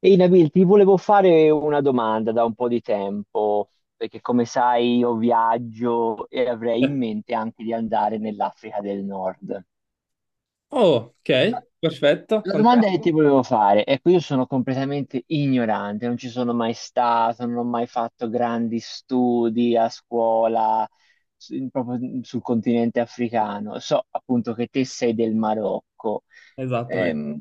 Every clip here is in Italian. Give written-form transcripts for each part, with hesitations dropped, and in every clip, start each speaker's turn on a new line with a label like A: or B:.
A: Ehi Nabil, ti volevo fare una domanda da un po' di tempo, perché come sai io viaggio e avrei
B: Eh,
A: in mente anche di andare nell'Africa del Nord.
B: Oh, ok, perfetto,
A: La domanda
B: fantastico,
A: che ti volevo fare, ecco, io sono completamente ignorante, non ci sono mai stato, non ho mai fatto grandi studi a scuola, proprio sul continente africano. So appunto che te sei del Marocco.
B: esattamente.
A: Ehm,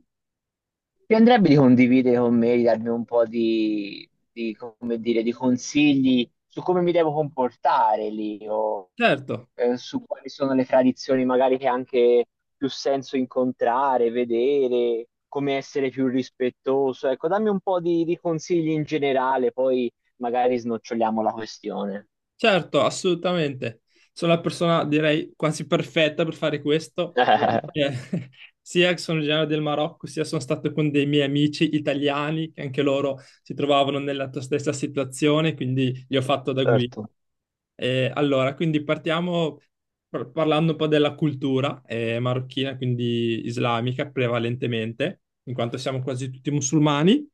A: Ti andrebbe di condividere con me, di darmi un po' come dire, di consigli su come mi devo comportare lì o
B: Certo,
A: su quali sono le tradizioni magari che ha anche più senso incontrare, vedere, come essere più rispettoso. Ecco, dammi un po' di consigli in generale, poi magari snoccioliamo la questione.
B: certo, assolutamente. Sono la persona, direi, quasi perfetta per fare questo, perché sia che sono originario del Marocco, sia sono stato con dei miei amici italiani, che anche loro si trovavano nella tua stessa situazione, quindi li ho fatto da guida.
A: Certo.
B: Allora, quindi partiamo parlando un po' della cultura marocchina, quindi islamica prevalentemente, in quanto siamo quasi tutti musulmani.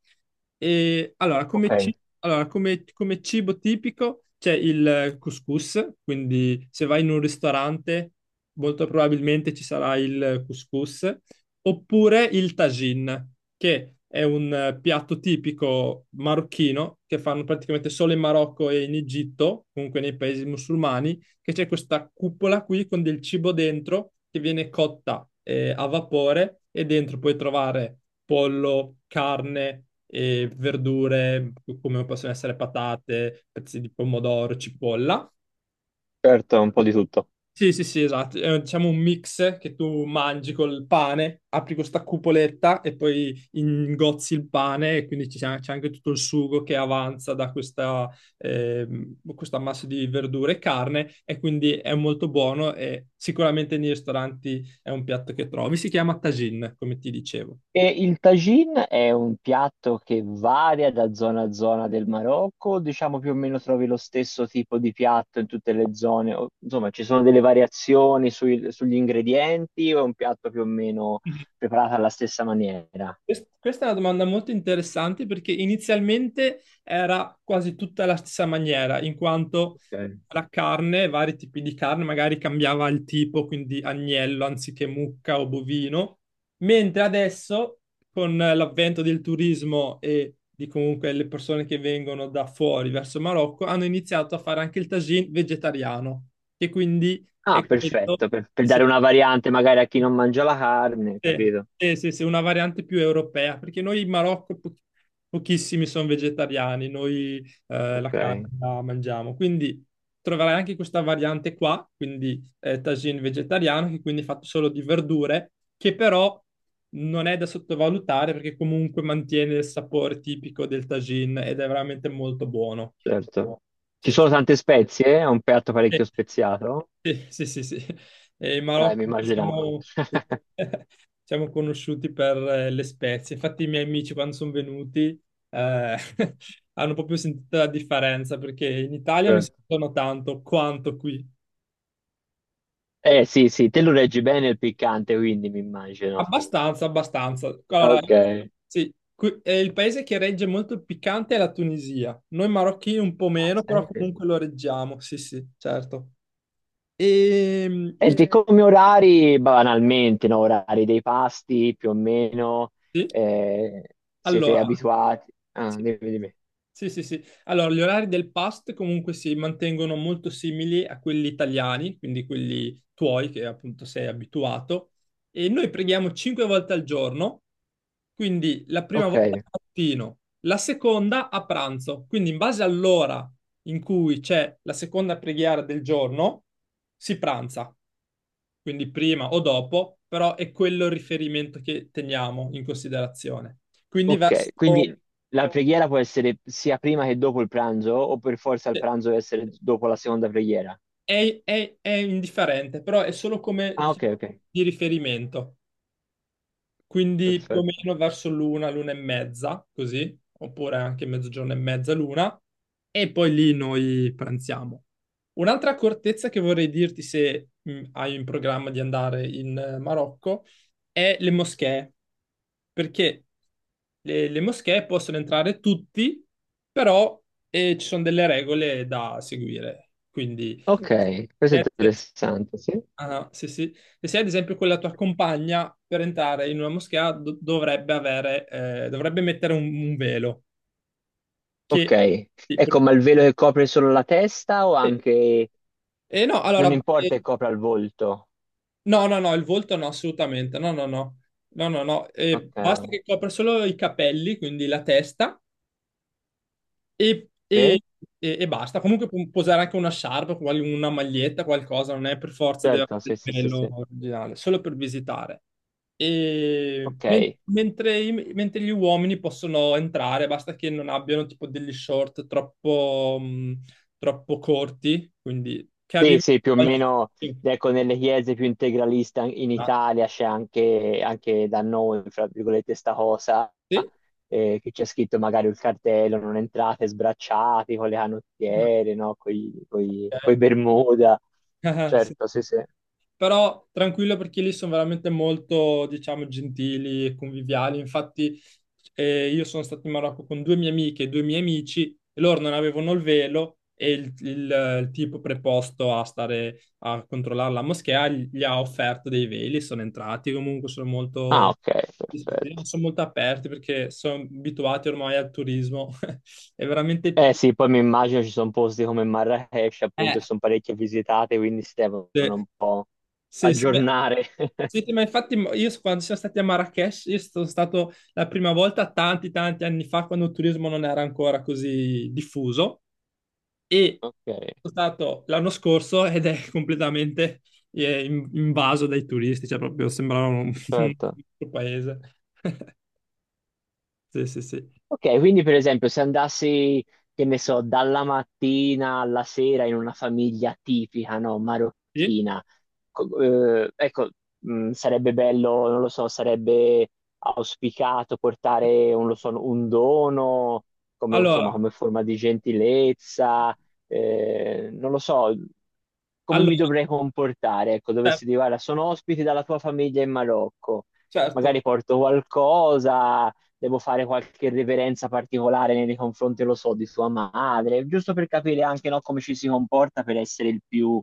B: E allora,
A: Ok,
B: come, ci- allora, come- come cibo tipico c'è il couscous, quindi se vai in un ristorante molto probabilmente ci sarà il couscous, oppure il tagine che è un piatto tipico marocchino che fanno praticamente solo in Marocco e in Egitto, comunque nei paesi musulmani, che c'è questa cupola qui con del cibo dentro che viene cotta a vapore e dentro puoi trovare pollo, carne e verdure come possono essere patate, pezzi di pomodoro, cipolla.
A: certo, un po' di tutto.
B: Sì, sì, sì, esatto. È, diciamo, un mix che tu mangi col pane, apri questa cupoletta e poi ingozzi il pane e quindi c'è anche tutto il sugo che avanza da questa, questa massa di verdure e carne, e quindi è molto buono e sicuramente nei ristoranti è un piatto che trovi. Si chiama tagine, come ti dicevo.
A: E il tagine è un piatto che varia da zona a zona del Marocco? Diciamo più o meno trovi lo stesso tipo di piatto in tutte le zone, o insomma ci sono delle variazioni sugli ingredienti, o è un piatto più o meno
B: Mhm.
A: preparato alla stessa maniera?
B: Questa è una domanda molto interessante perché inizialmente era quasi tutta la stessa maniera, in quanto
A: Ok.
B: la carne, vari tipi di carne, magari cambiava il tipo, quindi agnello anziché mucca o bovino, mentre adesso, con l'avvento del turismo e di comunque le persone che vengono da fuori verso il Marocco, hanno iniziato a fare anche il tagine vegetariano, che quindi
A: Ah,
B: è quello,
A: perfetto, per
B: sì,
A: dare una variante magari a chi non mangia la carne,
B: sì,
A: capito?
B: sì, sì, sì, una variante più europea, perché noi in Marocco pochissimi sono vegetariani, noi la carne
A: Ok,
B: la mangiamo, quindi troverai anche questa variante qua, quindi tagine vegetariano, che quindi è fatto solo di verdure, che però non è da sottovalutare perché comunque mantiene il sapore tipico del tagine ed è veramente molto buono.
A: certo. Ci
B: Sì,
A: sono tante spezie? È un piatto
B: sì.
A: parecchio speziato?
B: Sì, sì, sì, sì. E in Marocco
A: Mi immaginavo.
B: siamo, siamo conosciuti per le spezie. Infatti, i miei amici, quando sono venuti, eh, hanno proprio sentito la differenza perché in Italia non si
A: Certo.
B: sentono tanto quanto qui.
A: Eh sì, sì, te lo reggi bene il piccante, quindi mi immagino.
B: Abbastanza, abbastanza. Allora,
A: Ok.
B: sì, il paese che regge molto il piccante è la Tunisia. Noi marocchini un po'
A: Ah,
B: meno, però
A: senti,
B: comunque lo reggiamo. Sì, sì, certo. E mi
A: senti, eh, come orari, banalmente, no? Orari dei pasti, più o meno,
B: chiedi,
A: eh, siete
B: allora.
A: abituati? Ah,
B: Sì.
A: dimmi, dimmi.
B: Sì, sì, sì. Allora, gli orari del PAST comunque si mantengono molto simili a quelli italiani, quindi quelli tuoi che appunto sei abituato. E noi preghiamo 5 volte al giorno, quindi la prima
A: Ok,
B: volta al mattino, la seconda a pranzo. Quindi in base all'ora in cui c'è la seconda preghiera del giorno, si pranza, quindi prima o dopo, però è quello il riferimento che teniamo in considerazione. Quindi
A: ok.
B: verso,
A: Quindi, la preghiera può essere sia prima che dopo il pranzo, o per forza il
B: sì,
A: pranzo deve essere dopo la seconda preghiera?
B: è indifferente, però è solo, come
A: Ah, ok,
B: diciamo,
A: ok,
B: di riferimento, quindi più o
A: perfetto.
B: meno verso l'una, l'una e mezza, così, oppure anche mezzogiorno e mezza, l'una, e poi lì noi pranziamo. Un'altra accortezza che vorrei dirti se hai in programma di andare in Marocco è le moschee, perché le moschee possono entrare tutti, però ci sono delle regole da seguire, quindi...
A: Ok, questo è interessante, sì.
B: Ah, no, sì, sì. E se ad esempio quella tua compagna, per entrare in una moschea, dovrebbe mettere un velo,
A: Ok,
B: che... Sì,
A: ecco, ma il velo che copre solo la testa o
B: eh,
A: anche
B: no,
A: non
B: allora,
A: importa che copra il volto?
B: no, no, no, il volto no, assolutamente, no, no, no, no, no, no, basta
A: Ok.
B: che copra solo i capelli, quindi la testa. E, e-
A: Sì?
B: e basta. Comunque può usare anche una sciarpa, una maglietta, qualcosa, non è per forza deve
A: Certo,
B: avere
A: sì,
B: il
A: sì, sì,
B: livello
A: sì.
B: originale, solo per visitare. E
A: Ok.
B: men- mentre, i- mentre gli uomini possono entrare, basta che non abbiano tipo degli short troppo, troppo corti, quindi che
A: Sì,
B: arrivino
A: sì, più o
B: al...
A: meno, ecco, nelle chiese più integraliste in
B: Ah,
A: Italia c'è anche, anche da noi, fra virgolette, sta cosa,
B: sì.
A: che c'è scritto magari il cartello, non entrate sbracciati con le
B: Ah,
A: canottiere, no? Coi, coi,
B: ok.
A: coi Bermuda.
B: Sì.
A: Certo, sì, sì.
B: Però tranquillo perché lì sono veramente molto, diciamo, gentili e conviviali. Infatti, io sono stato in Marocco con due mie amiche e due miei amici e loro non avevano il velo, e il tipo preposto a stare a controllare la moschea gli ha offerto dei veli, sono entrati, comunque sono
A: Ah,
B: molto,
A: ok,
B: sì, sì, sì,
A: perfetto.
B: sono molto aperti perché sono abituati ormai al turismo. È veramente...
A: Eh sì, poi mi immagino ci sono posti come Marrakesh, appunto,
B: Eh,
A: che sono parecchio visitate, quindi si devono
B: sì,
A: un po'
B: sì, sì, beh,
A: aggiornare.
B: sì, sì, ma infatti quando siamo stati a Marrakesh, io sono stato la prima volta tanti tanti anni fa, quando il turismo non era ancora così diffuso, e
A: Ok,
B: sono stato l'anno scorso ed è completamente invaso dai turisti, cioè proprio sembrava un, un
A: certo.
B: altro paese. Sì, sì, sì.
A: Ok, quindi per esempio se andassi, che ne so, dalla mattina alla sera in una famiglia tipica, no,
B: Sì?
A: marocchina, ecco, sarebbe bello, non lo so, sarebbe auspicato portare, non lo so, un dono, come, insomma,
B: Allora,
A: come forma di gentilezza, non lo so, come mi
B: allora,
A: dovrei comportare, ecco,
B: certo,
A: dovessi dire, guarda, sono ospiti dalla tua famiglia in Marocco,
B: certo.
A: magari porto qualcosa, devo fare qualche reverenza particolare nei confronti, lo so, di sua madre, giusto per capire anche no, come ci si comporta per essere il più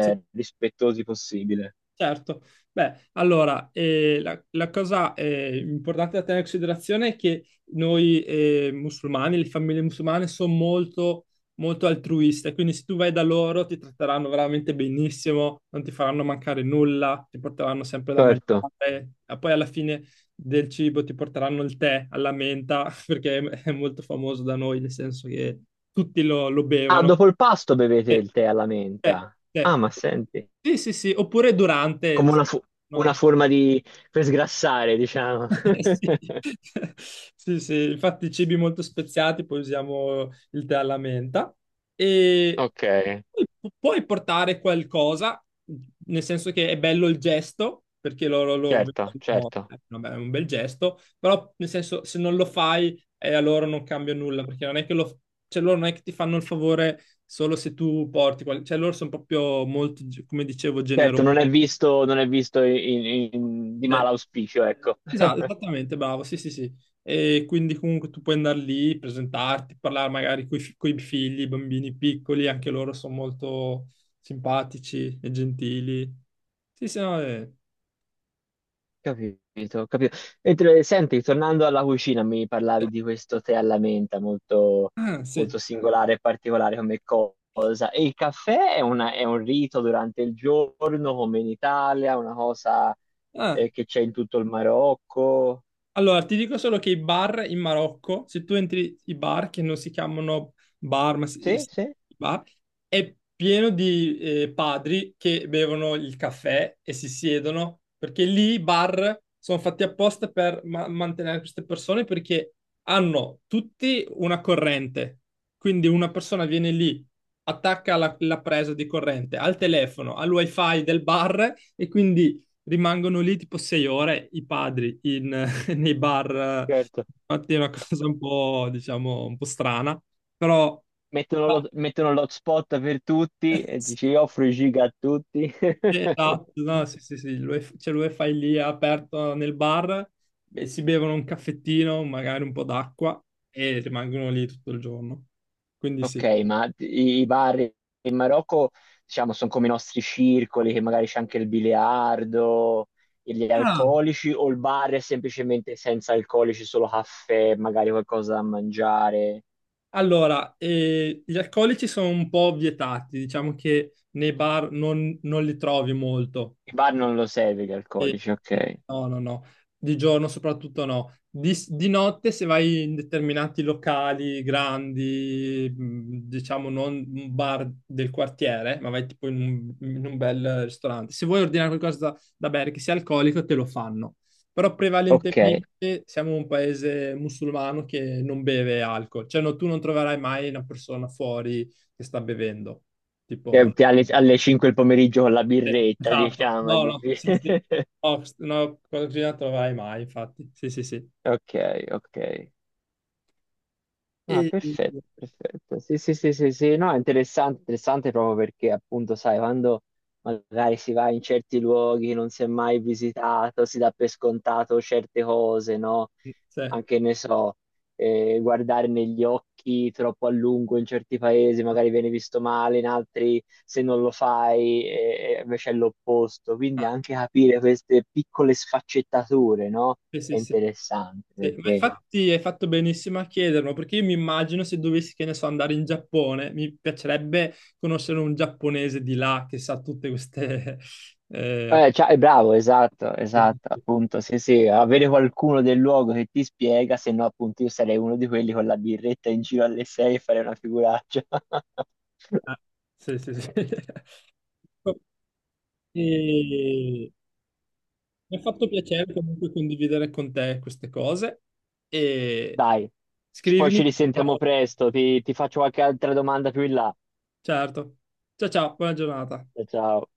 B: Sì,
A: rispettosi possibile.
B: certo, beh, allora, la, cosa importante da tenere in considerazione è che noi, musulmani, le famiglie musulmane, sono molto, molto altruiste, quindi se tu vai da loro ti tratteranno veramente benissimo, non ti faranno mancare nulla, ti porteranno sempre da
A: Certo.
B: mangiare, e poi alla fine del cibo ti porteranno il tè alla menta, perché è molto famoso da noi, nel senso che tutti lo
A: Ah,
B: bevono.
A: dopo il pasto bevete il tè alla
B: Cioè,
A: menta.
B: cioè,
A: Ah, ma senti,
B: sì, sì, sì, oppure durante,
A: come una, una
B: no,
A: forma di... per sgrassare, diciamo.
B: sì. Sì, sì, infatti cibi molto speziati, poi usiamo il tè alla menta, e
A: Ok,
B: poi puoi portare qualcosa, nel senso che è bello il gesto, perché loro lo
A: certo,
B: vedono,
A: certo.
B: vabbè, è un bel gesto, però nel senso se non lo fai a loro non cambia nulla, perché non è che lo, cioè, loro non è che ti fanno il favore solo se tu porti, qual- cioè loro sono proprio molto, come dicevo,
A: Certo,
B: generosi.
A: non è visto, non è visto di mal auspicio, ecco.
B: Esatto, esattamente, bravo, sì, sì, sì. E quindi comunque tu puoi andare lì, presentarti, parlare magari con i figli, i bambini piccoli, anche loro sono molto simpatici e gentili. Sì, sì, no, eh.
A: Capito, capito. Mentre, senti, tornando alla cucina, mi parlavi di questo tè alla menta, molto,
B: Ah, sì.
A: molto singolare e particolare come cosa. E il caffè è, è un rito durante il giorno, come in Italia, una cosa
B: Ah.
A: che c'è in tutto il Marocco.
B: Allora, ti dico solo che i bar in Marocco, se tu entri i bar che non si chiamano bar, ma
A: Sì, sì.
B: bar, è pieno di padri che bevono il caffè e si siedono, perché lì i bar sono fatti apposta per mantenere queste persone perché hanno tutti una corrente. Quindi una persona viene lì, attacca la presa di corrente al telefono, al wifi del bar, e quindi rimangono lì tipo 6 ore i padri in nei bar.
A: Certo.
B: Infatti è una cosa un po', diciamo, un po' strana, però i bar-
A: Mettono l'hotspot per tutti e dici
B: sì,
A: io offro i giga a tutti.
B: esatto, no, sì, sì, sì, l'UEF c'è l'UEFI lì aperto nel bar, e si bevono un caffettino, magari un po' d'acqua, e rimangono lì tutto il giorno. Quindi
A: Ok,
B: sì.
A: ma i bar in Marocco, diciamo, sono come i nostri circoli, che magari c'è anche il biliardo, gli
B: Ah,
A: alcolici, o il bar è semplicemente senza alcolici, solo caffè, magari qualcosa da mangiare?
B: allora, gli alcolici sono un po' vietati, diciamo che nei bar non li trovi molto.
A: I bar non lo serve gli
B: Sì,
A: alcolici,
B: sì.
A: ok.
B: No, no, no, di giorno soprattutto no. Di notte, se vai in determinati locali grandi, diciamo non un bar del quartiere, ma vai tipo in un, bel ristorante. Se vuoi ordinare qualcosa da bere che sia alcolico, te lo fanno. Però
A: Ok.
B: prevalentemente siamo un paese musulmano che non beve alcol, cioè no, tu non troverai mai una persona fuori che sta bevendo, tipo.
A: Alle, alle 5 del pomeriggio con la
B: Sì,
A: birretta,
B: esatto.
A: diciamo.
B: No, no, sì, sì. No, no, con Gina non troverai mai, infatti. Sì, sì, sì.
A: Ok, ok. Ah,
B: E-
A: perfetto, perfetto. Sì, sì, sì, sì, sì. No, è interessante, interessante proprio perché appunto, sai, quando magari si va in certi luoghi che non si è mai visitato, si dà per scontato certe cose, no?
B: sì.
A: Anche, ne so, guardare negli occhi troppo a lungo in certi paesi, magari viene visto male, in altri se non lo fai, invece è l'opposto. Quindi
B: Ah,
A: anche capire queste piccole sfaccettature, no?
B: sì, sì,
A: È
B: sì.
A: interessante
B: Sì, ma
A: perché...
B: infatti hai fatto benissimo a chiederlo, perché io mi immagino, se dovessi, che ne so, andare in Giappone, mi piacerebbe conoscere un giapponese di là che sa tutte queste... eh, app-
A: Cioè, è bravo, esatto,
B: sì, sì,
A: esatto,
B: sì.
A: appunto, sì, sì, avere qualcuno del luogo che ti spiega, se no appunto io sarei uno di quelli con la birretta in giro alle 6 e farei una figuraccia.
B: Ah, sì, sì, sì. E... Mi ha fatto piacere comunque condividere con te queste cose. E
A: Dai, poi ci
B: scrivimi,
A: risentiamo presto, ti faccio qualche altra domanda più in là.
B: certo. Ciao, ciao, buona giornata.
A: Ciao.